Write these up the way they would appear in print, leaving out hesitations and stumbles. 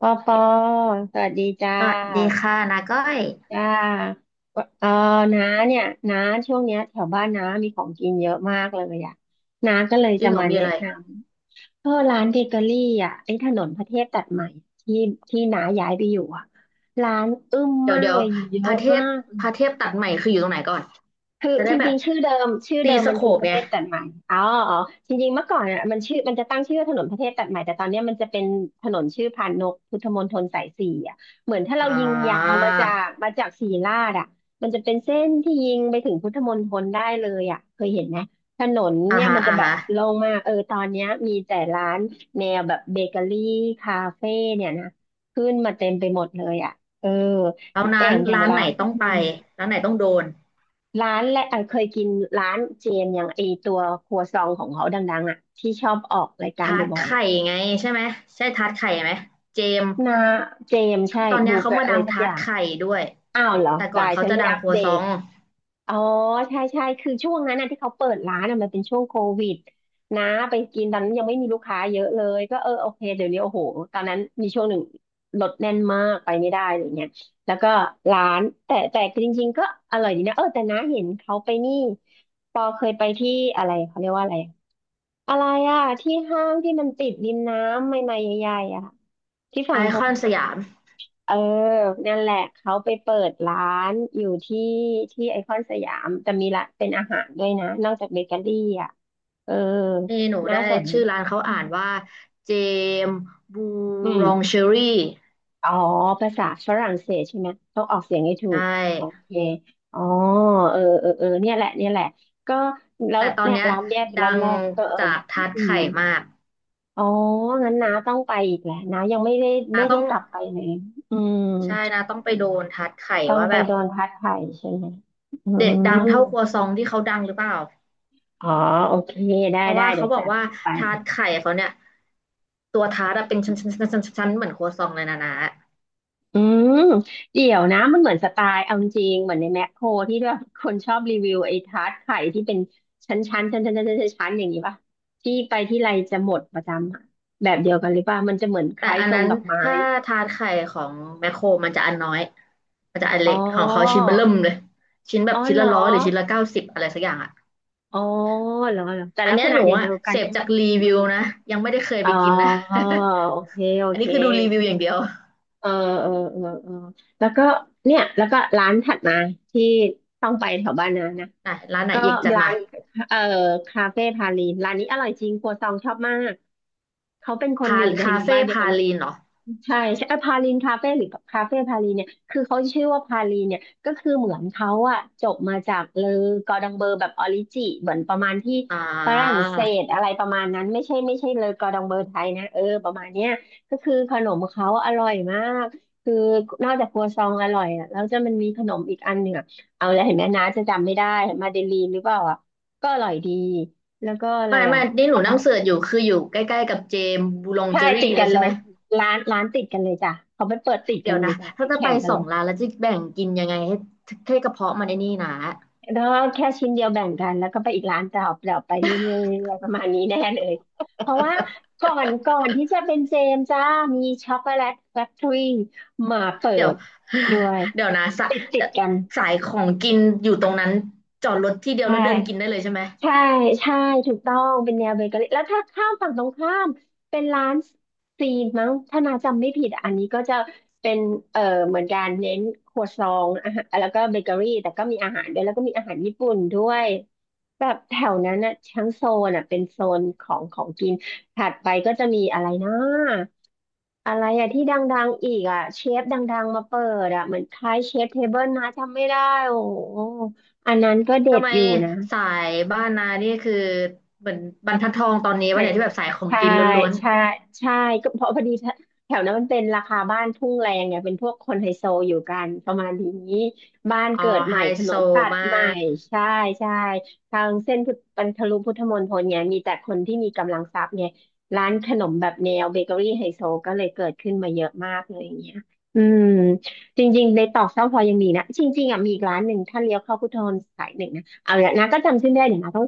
ปอปอสวัสดีจ้สวัสดีา ค่ะนาก้อยจ้าเออน้าเนี่ย น้าช่วงเนี้ยแถวบ้านน้ามีของกินเยอะมากเลยอ่ะน้าก็เลยจริจะงเหรอมามีแนะอะไรนำเออร้านเบเกอรี่อ่ะไอ้ถนนพระเทพตัดใหม่ที่ที่น้าย้ายไปอยู่อ่ะร้านอึ้มเดี๋ยวมากเดี๋ยวเลยเยพอะระเทมาพก พระเทพตัดใหม่คืออยู่ตรงไหนก่อนคือจะจได้แบริบงๆชื่อเดิมชื่อตีเดิมสมันโคคือปประไงเทศตัดใหม่อ๋ออ๋อจริงๆเมื่อก่อนอ่ะมันชื่อมันจะตั้งชื่อว่าถนนประเทศตัดใหม่แต่ตอนเนี้ยมันจะเป็นถนนชื่อพานนกพุทธมณฑลสายสี่อ่ะเหมือนถ้าเราอ่ยิงยาวามาจากศรีราชอ่ะมันจะเป็นเส้นที่ยิงไปถึงพุทธมณฑลได้เลยอ่ะเคยเห็นไหมถนนอ่าเนี่ยฮะมันจะอ่าแบบฮะโล่งมากเออตอนเนี้ยมีแต่ร้านแนวแบบเบเกอรี่คาเฟ่เนี่ยนะขึ้นมาเต็มไปหมดเลยอ่ะเออแล้วอร้านย่างอย่างร้านละ ไหนต้องไปร้านไหนต้องโดนร้านและเคยกินร้านเจนอย่างไอตัวครัวซองของเขาดังๆอ่ะที่ชอบออกรายการทาร์ตบ่อยๆไข่อ่ะไงใช่ไหมใช่ทาร์ตไข่ไหมเจมส์นาเจมใช่ตอนเนี้บูยเกเขาอร์มาอะดัไรงสักทาอร์ตย่างไข่ด้วยอ้าวเหรอแต่ก่อกานยเขาฉันจะไม่ดังอัปครัวเดซอต งอ๋อใช่ใช่คือช่วงนั้นนะที่เขาเปิดร้านน่ะมันเป็นช่วงโควิดนะไปกินตอนนั้นยังไม่มีลูกค้าเยอะเลยก็เออโอเคเดี๋ยวนี้โอ้โหตอนนั้นมีช่วงหนึ่งรถแน่นมากไปไม่ได้อะไรเงี้ยแล้วก็ร้านแต่จริงๆก็อร่อยดีนะเออแต่น้าเห็นเขาไปนี่ปอเคยไปที่อะไรเขาเรียกว่าอะไรอะไรอะที่ห้างที่มันติดริมน้ำใหม่ๆใหญ่ๆอะที่ไอฝั่งท คอนสยามเออนั่นแหละเขาไปเปิดร้านอยู่ที่ไอคอนสยามแต่มีละเป็นอาหารด้วยนะนอกจากเบเกอรี่อ่ะเออนี่หนูน่าได้สนชื่อร้านเขาอือ่ามนว่าเจมส์บูอืมรองเชอรี่ อ๋อภาษาฝรั่งเศสใช่ไหมต้องออกเสียงให้ถูใชกโอ่ เคอ๋อเออเออเออเนี่ยแหละเนี่ยแหละก็แล้วแต่ตอนเนี่ยเนี้ยร้านแยกดัร้านงแรกก็เออจากทัดอืมไข่มากอ๋องั้นน้าต้องไปอีกแหละน้ายังไม่ได้ไม่นาได้ต้องกลับไปเลยอืม ใช่นาต้องไปโดนทัดไข่ต้องว่าไปแบบโดนพัดไข่ใช่ไหมอืเด็ดดังมเท่าครัวซองที่เขาดังหรือเปล่าอ๋อโอเคได้เพราะได้ว่าเดี๋เขายวบอจักดว่าไปทาร์ตไข่เขาเนี่ยตัวทาร์ตอะเป็นชั้นชั้นชั้นชั้นชั้นเหมือนครัวซองเลยนะนะอืมเดี๋ยวนะ มันเหมือนสไตล์เอาจริงๆเหมือนในแมคโครที่แบบคนชอบรีวิวไอ้ทาร์ตไข่ที่เป็นชั้นๆชั้นๆชั้นๆชั้นๆชั้นๆอย่างนี้ป่ะ ที่ไปที่ไรจะหมดประจำอะแบบเดียวกันหรือป่ะมันจะเหมือนคแต่ล้ายอันทรงนั้นดอกไม้ ถ้าทาร์ตไข่ของแมคโครมันจะอันน้อย มันจะอันอ๋เล็อ กของเขาชิ้นเบิ่มเลยชิ้นแบอ๋บอชิ้นเหรละอ 100หรือชิ้นละ90อะไรสักอย่างอะอ๋อเหรอเหรอแต่อันลักเนี้ษยณะหนูเดีอะยวๆกัเสนพใช่ไหม จากรีวิวนะยังไม่ได้เคยอ๋ไปอ กินนะ โอเคโอ อันเค นี้คือดูรีวิวอย่างเดียวเออเออเออเออแล้วก็เนี่ยแล้วก็ร้านถัดมาที่ต้องไปแถวบ้านนะนะไหนร้านไหนก็อีกจัดร้ามานเออคาเฟ่พาลีนร้านนี้อร่อยจริงครัวซองชอบมากเขาเป็นคนพาอยู่ในคาหมู่เฟ่บ้านเดียวพากัน ลีนเหรอ ใช่ใช่พาลินคาเฟ่หรือคาเฟ่พาลินเนี่ยคือเขาชื่อว่าพาลินเนี่ยก็คือเหมือนเขาอะจบมาจากเลอกอร์ดองเบอร์แบบออริจิเหมือนประมาณที่อ่ฝรั่งาเศสอะไรประมาณนั้นไม่ใช่เลอกอร์ดองเบอร์ไทยนะเออประมาณเนี้ยก็คือขนมเขาอร่อยมากคือนอกจากครัวซองอร่อยอะแล้วจะมันมีขนมอีกอันหนึ่งอะเอาแล้วเห็นไหมนะจะจำไม่ได้มาเดลีนหรือเปล่าอะก็อร่อยดีแล้วก็อะไรไม่อะ ไม่นี่หนูนั่งเสิร์ชอยู่คืออยู่ใกล้ๆกับเจมส์บูลองใช่เจอรี่ติดเลกัยนเลใช่ไหม ยร้านติดกันเลยจ้ะเขาไปเปิดติดเดี๋กัยนวเลยนะจ้ะไปถ้าจะไปแข่งกันสอเลงยร้านแล้วจะแบ่งกินยังไงให้ให้กระเพาะมันไอ้นี่นะ แล้วก็แค่ชิ้นเดียวแบ่งกันแล้วก็ไปอีกร้านต่อเปล่าไปเรื่ อยๆประมาณนี้แน่เลยเพราะว่าก่อนที่จะเป็นเจมส์จ้ามีช็อกโกแลตแฟคทอรี่มาเปิเดี๋ยว ด ด้วยเดี๋ยวนะสะติดกันสายของกินอยู่ตรงนั้นจอดรถที่เดียวใช่ แล้วเดินกินได้เลยใช่ไหม ใช่ใช่ถูกต้องเป็นแนวเบเกอรี่แล้วถ้าข้ามฝั่งตรงข้ามเป็นร้านซีนมั้งถ้านาจำไม่ผิดอะอันนี้ก็จะเป็นเอ่อเหมือนกันเน้นครัวซองอาหารแล้วก็เบเกอรี่แต่ก็มีอาหารด้วยแล้วก็มีอาหารญี่ปุ่นด้วยแบบแถวนั้นอะทั้งโซนอะเป็นโซนของของกินถัดไปก็จะมีอะไรนะอะไรอะที่ดังๆอีกอะเชฟดังๆมาเปิดอะเหมือนคล้ายเชฟเทเบิลนะจำไม่ได้โอ้โหอันนั้นก็เด็ทำดไมอยู่นะ สายบ้านนานี่คือเหมือนบรรทัดทองตอนนี้ใช่วะเนี่ยที่แบบสายของใช่กินล้วน ใช่ใช่ก็เพราะพอดีแถวนั้นมันเป็นราคาบ้านทุ่งแรงไงเป็นพวกคนไฮโซอยู่กันประมาณนี้บ้านอ๋อเกิดใหไฮม่ถนโซนตัดมาใหม่กใช่ใช่ทางเส้นพุทธบรรพลุพุทธมณฑลไงมีแต่คนที่มีกำลังทรัพย์ไงร้านขนมแบบแนวเบเกอรี่ไฮโซก็เลยเกิดขึ้นมาเยอะมากเลยอย่างเงี้ยอืมจริงๆในตอกเสาพลอยยังมีนะจริงๆอ่ะมีอีกร้านหนึ่งถ้าเลี้ยวเข้าพุทธมณฑลสายหนึ่งนะเอาละนะก็จำชื่อไม่ได้เดี๋ยวนะต้อง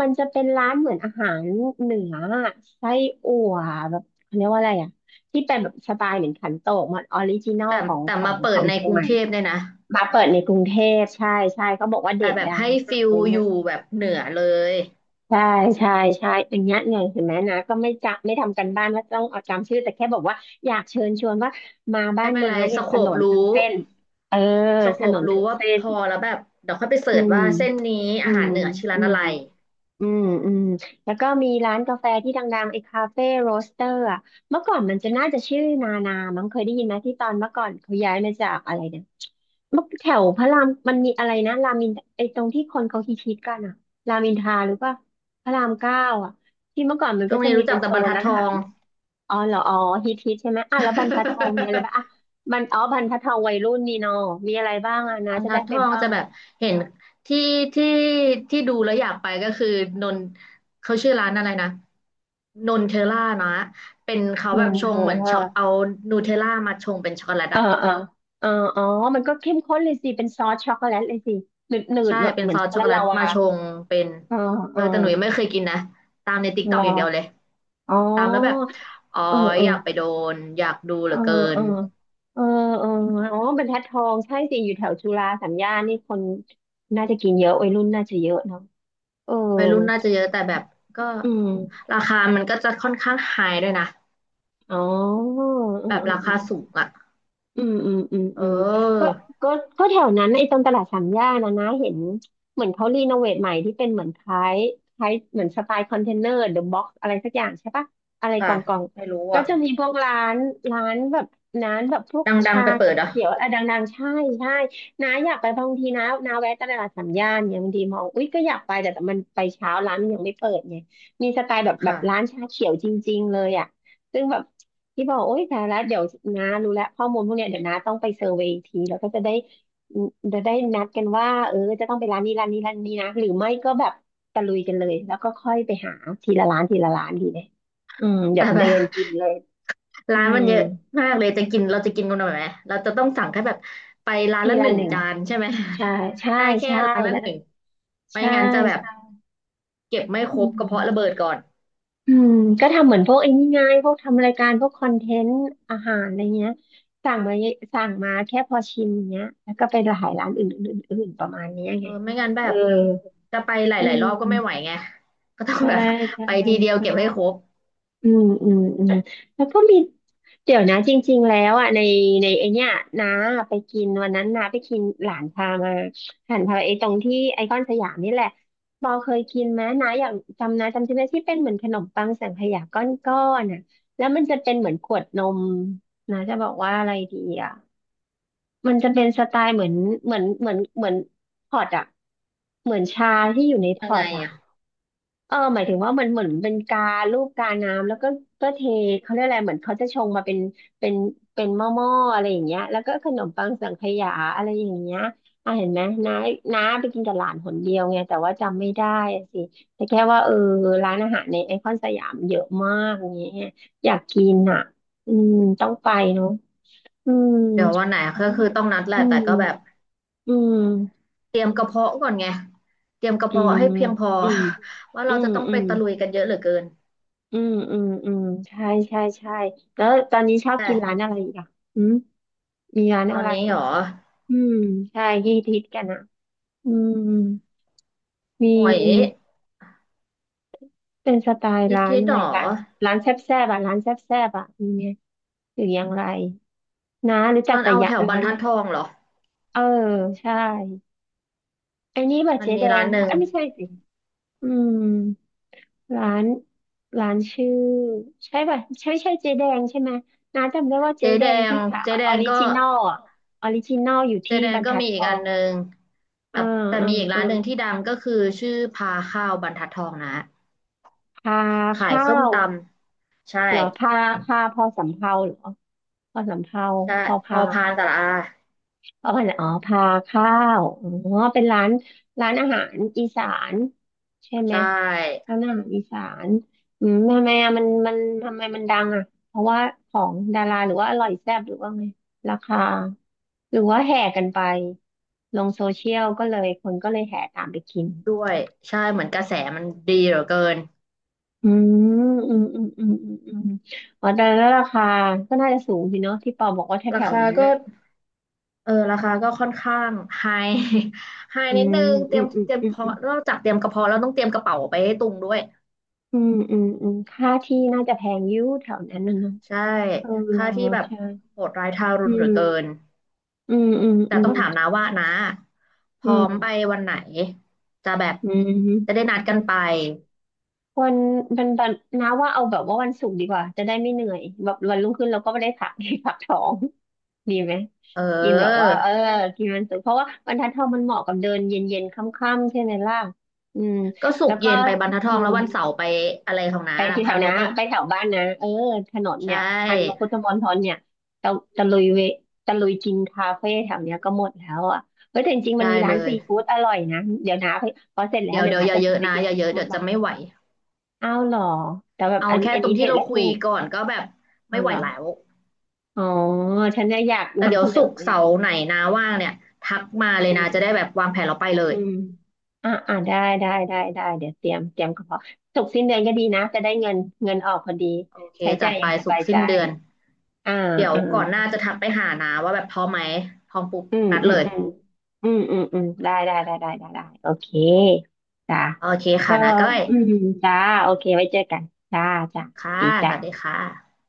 มันจะเป็นร้านเหมือนอาหารเหนือไส้อั่วแบบเขาเรียกว่าอะไรอ่ะที่เป็นแบบสไตล์เหมือนขันโตกมันออริจินอลแต่ของแต่ขอมางเปิขอดงในเชียกงรุใหงม่เทพเนี่ยนะมาเปิดในกรุงเทพใช่ใช่เขาบอกว่าแต่เด็ดแบบดังให้มาฟิกอะลไรอเงี้ยู่ยแบบเหนือเลยใช่ใช่ใช่อันเนี้ยเนี่ยเห็นไหมนะก็ไม่จำไม่ทำกันบ้านว่าต้องเอาจำชื่อแต่แค่บอกว่าอยากเชิญชวนว่ามาบ้าไม่นเป็นน้าไรเนี่สยถโคนปนทั้งรู้เส้นเออสโคถนปนรู้ทั้งว่าเส้พน อแล้วแบบเดี๋ยวค่อยไปเสิอืร์ชมว่าเส้นนี้อือามหารเหนือชื่อร้าอืนมอะไรอืมอืมแล้วก็มีร้านกาแฟที่ดังๆไอ้คาเฟ่โรสเตอร์อ่ะเมื่อก่อนมันจะน่าจะชื่อนานามั้งเคยได้ยินไหมที่ตอนเมื่อก่อนเขาย้ายมาจากอะไรเนี่ยเมื่อแถวพระรามมันมีอะไรนะรามินไอ้ตรงที่คนเขาฮิตๆกันอ่ะรามินทราหรือว่าพระรามเก้าอ่ะที่เมื่อก่อนมันช่วก็งจะนี้มีรู้จัเป็กนแต่โซบรรนทัดร้าทนอาอหาง รอ๋อเหรออ๋อฮิตฮิตใช่ไหมอ่ะแล้วบรรทัดทองมีอะไรบ้างอ่ะบันอ๋อบรรทัดทองวัยรุ่นนี่เนอะมีอะไรบ้างอ่ะ บนะรรจะทัได้ดทไปองบ้าจะงแบบเห็นที่ที่ที่ดูแล้วอยากไปก็คือนนเขาชื่อร้านอะไรนะนนเทลล่านะเป็นเขานแบบนชงทา เหมือนช็อกเอานูเทลล่ามาชงเป็นช็อกโกแลตเอออะ เออเอออ๋อมันก็เข้มข้นเลยสิเป็นซอสช็อกโกแลตเลยสิหนืดหนืดใช่แบบเป็นเหมือซนอช็สอกโกช็อแลกโกตแลลาตวามาชงเป็นเออเอเอออแต่หนูยังไม่เคยกินนะตามในติ๊กเหต็รอกออย่างเดียวเลยอ๋อตามแล้วแบบอ๋อเออเอออยากไปโดนอยากดูเหเอลืออเกิเอนอเออเอออ๋อเป็นแพทัดทองใช่สิอยู่แถวจุฬาสามย่านนี่คนน่าจะกินเยอะวัยรุ่นน่าจะเยอะเนาะเออวัยรุ่นน่าจะเยอะแต่แบบก็อืมราคามันก็จะค่อนข้างไฮด้วยนะอ๋อเออเออแบบราเออ คาสูงอ่ะอืมอืมอืมเอืมก็ออก็ก็แถวนั้นไอ้ตรงตลาดสามย่านนะเห็นเหมือนเขารีโนเวทใหม่ที่เป็นเหมือนคล้ายคล้ายเหมือนสไตล์คอนเทนเนอร์เดอะบ็อกซ์อะไรสักอย่างใช่ปะอะไรกล่ค่ะองกล่องไม่รู้ก็อ่ะจะมีพวกร้านร้านแบบร้านแบบพวกดังชาๆไปเปิดอ่ะเขียวอะไรดังๆใช่ใช่น้าอยากไปบางทีนะน้าแวะตลาดสามย่านเนี่ยบางทีมองอุ๊ยก็อยากไปแต่มันไปเช้าร้านมันยังไม่เปิดไงมีสไตล์แบบค่ะร้านชาเขียวจริงๆเลยอ่ะซึ่งแบบ ที่บอกโอ๊ยแต่แล้วเดี๋ยวนารู้แล้วข้อมูลพวกเนี้ยเดี๋ยวนาต้องไปเซอร์เวย์อีกทีแล้วก็จะได้จะได้นัดกันว่าเออจะต้องไปร้านนี้ร้านนี้ร้านนี้นะหรือไม่ก็แบบตะลุยกันเลยแล้วก็ค่อยไปหาทีละร้านทีละร้านดีไหมอืมแบแต่บแบเดิบ นกินเลย อืร้านมันมเยอะมากเลยจะกินเราจะกินกันหน่อยไหมเราจะต้องสั่งแค่แบบไปร้านทีละหละนึ่งหนึ่งจานใช่ไหม ใช่ใช่ ได้แค่ใช่ร้านละแล้วหก็นึ่งไม่ใช่งั้นจะแบบ ใช่เก็บไม่คอืรบกระม เพาะระเบิดก่อนอืมก็ทำเหมือนพวกไอ้นี่ไงพวกทำรายการพวกคอนเทนต์อาหารอะไรเงี้ยสั่งมาสั่งมาแค่พอชิมเงี้ยแล้วก็ไปหลายร้านอื่นๆอื่นๆประมาณเนี้ยเอไงอไม่งั้นแบเออบจะไปหอืลายมๆรอบก็ไม่ไหวไงก็ต้องใช่แบบ ใช่ ไปทีเดียวใช่ เก็บให้ครบอืมอืมอืมแล้วก็มีเดี๋ยวนะจริงๆแล้วอ่ะในไอเนี้ยน้าไปกินวันนั้นน้าไปกินหลานพามาหลานพาไปไอตรงที่ไอคอนสยามนี่แหละบอเคยกินไหมน้าอยากจำนะจำใช่ไหมที่เป็นเหมือนขนมปังสังขยาก้อนๆน่ะแล้วมันจะเป็นเหมือนขวดนมนะจะบอกว่าอะไรดีอ่ะมันจะเป็นสไตล์เหมือนเหมือนเหมือนเหมือนพอร์ตอ่ะเหมือนชาที่อยู่ในพยังอไงร์ตอ่ะ อ่ะเออหมายถึงว่าเหมือนเป็นกาลูกกาน้ำแล้วก็ก็เทเขาเรียกอะไรเหมือนเขาจะชงมาเป็นเป็นหม้ออะไรอย่างเงี้ยแล้วก็ขนมปังสังขยาอะไรอย่างเงี้ยอ่ะเห็นไหมน้าน้าไปกินกับหลานหนเดียวไงแต่ว่าจำไม่ได้อะสิแต่แค่ว่าเออร้านอาหารในไอคอนสยามเยอะมากอย่างเงี้ยอยากกินอ่ะอืมต้องไปเนาะอืมเดี๋ยววันไหนก็คือต้องนัดแหอืละแต่ก็แบบมอืมเตรียมกระเพาะก่อนไงเตรียมกระอืเพาะมให้เพียงพอ อืม ว่าอืเรามจะต้องอืไปม ตะลุยกันเยอะเหลือเกินอืมอืมอืมใช่ใช่ใช่แล้วตอนนี้ชอบแต่กินร้านอะไรอีกอ่ะอืมมีร้านตออะนไรนี้หรออืมใช่ที่ฮิตกันอ่ะอืมมีโอ้ยเป็นสไตล์นิดร้านทิดอะหไรรอร้านแซ่บแซ่บอ่ะร้านแซ่บแซ่บอ่ะมีไหมหรืออย่างไรนะรู้จักร้านแต่เอายะแถวบร้ารรนทัดทองเหรอเออใช่ไอ้นี่บะมันเจ๊มีแดร้างนหปะนึ่งเอ้ยไม่ใช่สิอืม ร้านร้านชื่อใช่ป่ะใช่ใช่เจ๊แดงใช่ไหมน้าจำได้ว่าเจ๊เจ๊แดแดงงที่ขายเจ๊แดอองริก็ จินอลอะออริจินอลอยู่เจที่แดบนรรก็ทัดมีทอีกออันงหนึ่งแต่อ่าแต่อมีอีกร้านหนึ่ง่าที่ดังก็คือชื่อพาข้าวบรรทัดทองนะอ่าพาขายข้าส้มวตำใช่เหรอพาพอสำเภาเหรอพอสำเภาใช่พอพพาอน พานตะละอาอ๋ออ๋อพาข้าวอ๋อเป็นร้านร้านอาหารอีสานใช่ไหใชม่ร้านอาหารอีสานอืมทำไมอะมันทำไมมันดังอ่ะเพราะว่าของดาราหรือว่าอร่อยแซ่บหรือว่าไงราคาหรือว่าแห่กันไปลงโซเชียลก็เลยคนก็เลยแห่ตามไปกินด้วยใช่เหมือนกระแสมันดีเหลือเกินอืมอืมอืมอืมอืมอืมอ๋อแต่แล้วราคาก็น่าจะสูงสิเนอะที่ปอบอกว่าแถราวๆคานั้นก็นะเออราคาก็ค่อนข้างไฮไฮ อื นิดมนึงเตอืรียมมอืมเตรียมอืเพาะม นอกจากเตรียมกระเพาะแล้วต้องเตรียมกระเป๋าไปให้ตุงด้วยอืมอืมอืมค่าที่น่าจะแพงอยิ่แถวนั้นน่ะเนาะใช่เออค่าที่แบบใช่โหดร้ายทารุอืณเหลืมอเกิน อืมอืมแต่อืต้มองถามน้าว่าน้าพอืร้อมมไปวันไหนจะแบบอืมจะได้นัดอืกันมไปวันวันนะว่าเอาแบบว่าวันศุกร์ดีกว่าจะได้ไม่เหนื่อยแบบวันรุ่งขึ้นเราก็ไม่ได้พัก พักท้องดีไหมเอกินแบบว่าอเออกินวันศุกร์เพราะว่าบรรทัดทองมันเหมาะกับเดินเย็นๆค่ำๆใช่ไหมล่ะอืมก็ศุแล้กวร์ก็เย็นไปบรรทัดทอืองแล้ม ววันเสาร์ไปอะไรของน้าไปนะที่แถพัวนนนะกอะไปแถวบ้านนะเออถนนใชเนี่ยพันก่พุทธมณฑลเนี่ยตะตะลุยเวตะลุยกินคาเฟ่แถวเนี้ยก็หมดแล้วอ่ะเฮ้ยแต่จริงๆมัได้นมีเลร้านยซีฟู้ดอร่อยนะ เดี๋ยวนะไปพอเสร็จแล้วเดี๋ยวเดี๋ยวเดี๋ยวนะอย่าจะเยพาอะไปนะกินอย่าซีเยอะฟู้เดี๋ดยวจะบ้างไม่ไหวอ้าวเหรอ แต่แบบเอาอันแค่อันตรนี้งที่เด็ดเราและคุถูยก ก่อนก็แบบอ้าไม่วไหวเหรอแล้วอ๋อฉันเนี่ยอยากแต่เดี๋นำยเสวนอศุกร์ไงเสาร์ไหนนาว่างเนี่ยทักมาเลยอืนะมจะได้แบบวางแผนเราไปเลอืยม อ่ะอ่ะได้ได้ได้ได้เดี๋ยวเตรียมกระเพาสุกร์สิ้นเดือนก็ดีนะจะได้เงินเงินออกพอดีโอเคใช้จัจ่ายดอไปย่างสศุบากยร์ใจสิ้นเดือนอ่าเดี๋ยวก่อนหน้าอ่า จะทักไปหานาว่าแบบพร้อมไหมพร้อมปุ๊บอืมนัดอืเลมย อืมอืมอืมอืมได้ได้ได้ได้ได้ได้โอเคจ้าโอเคก็ค่ะนะก้อยอืมจ้าโอเคไว้เจอกันจ้าจ้าค่ะดีสจ้าวัสดีค่ะ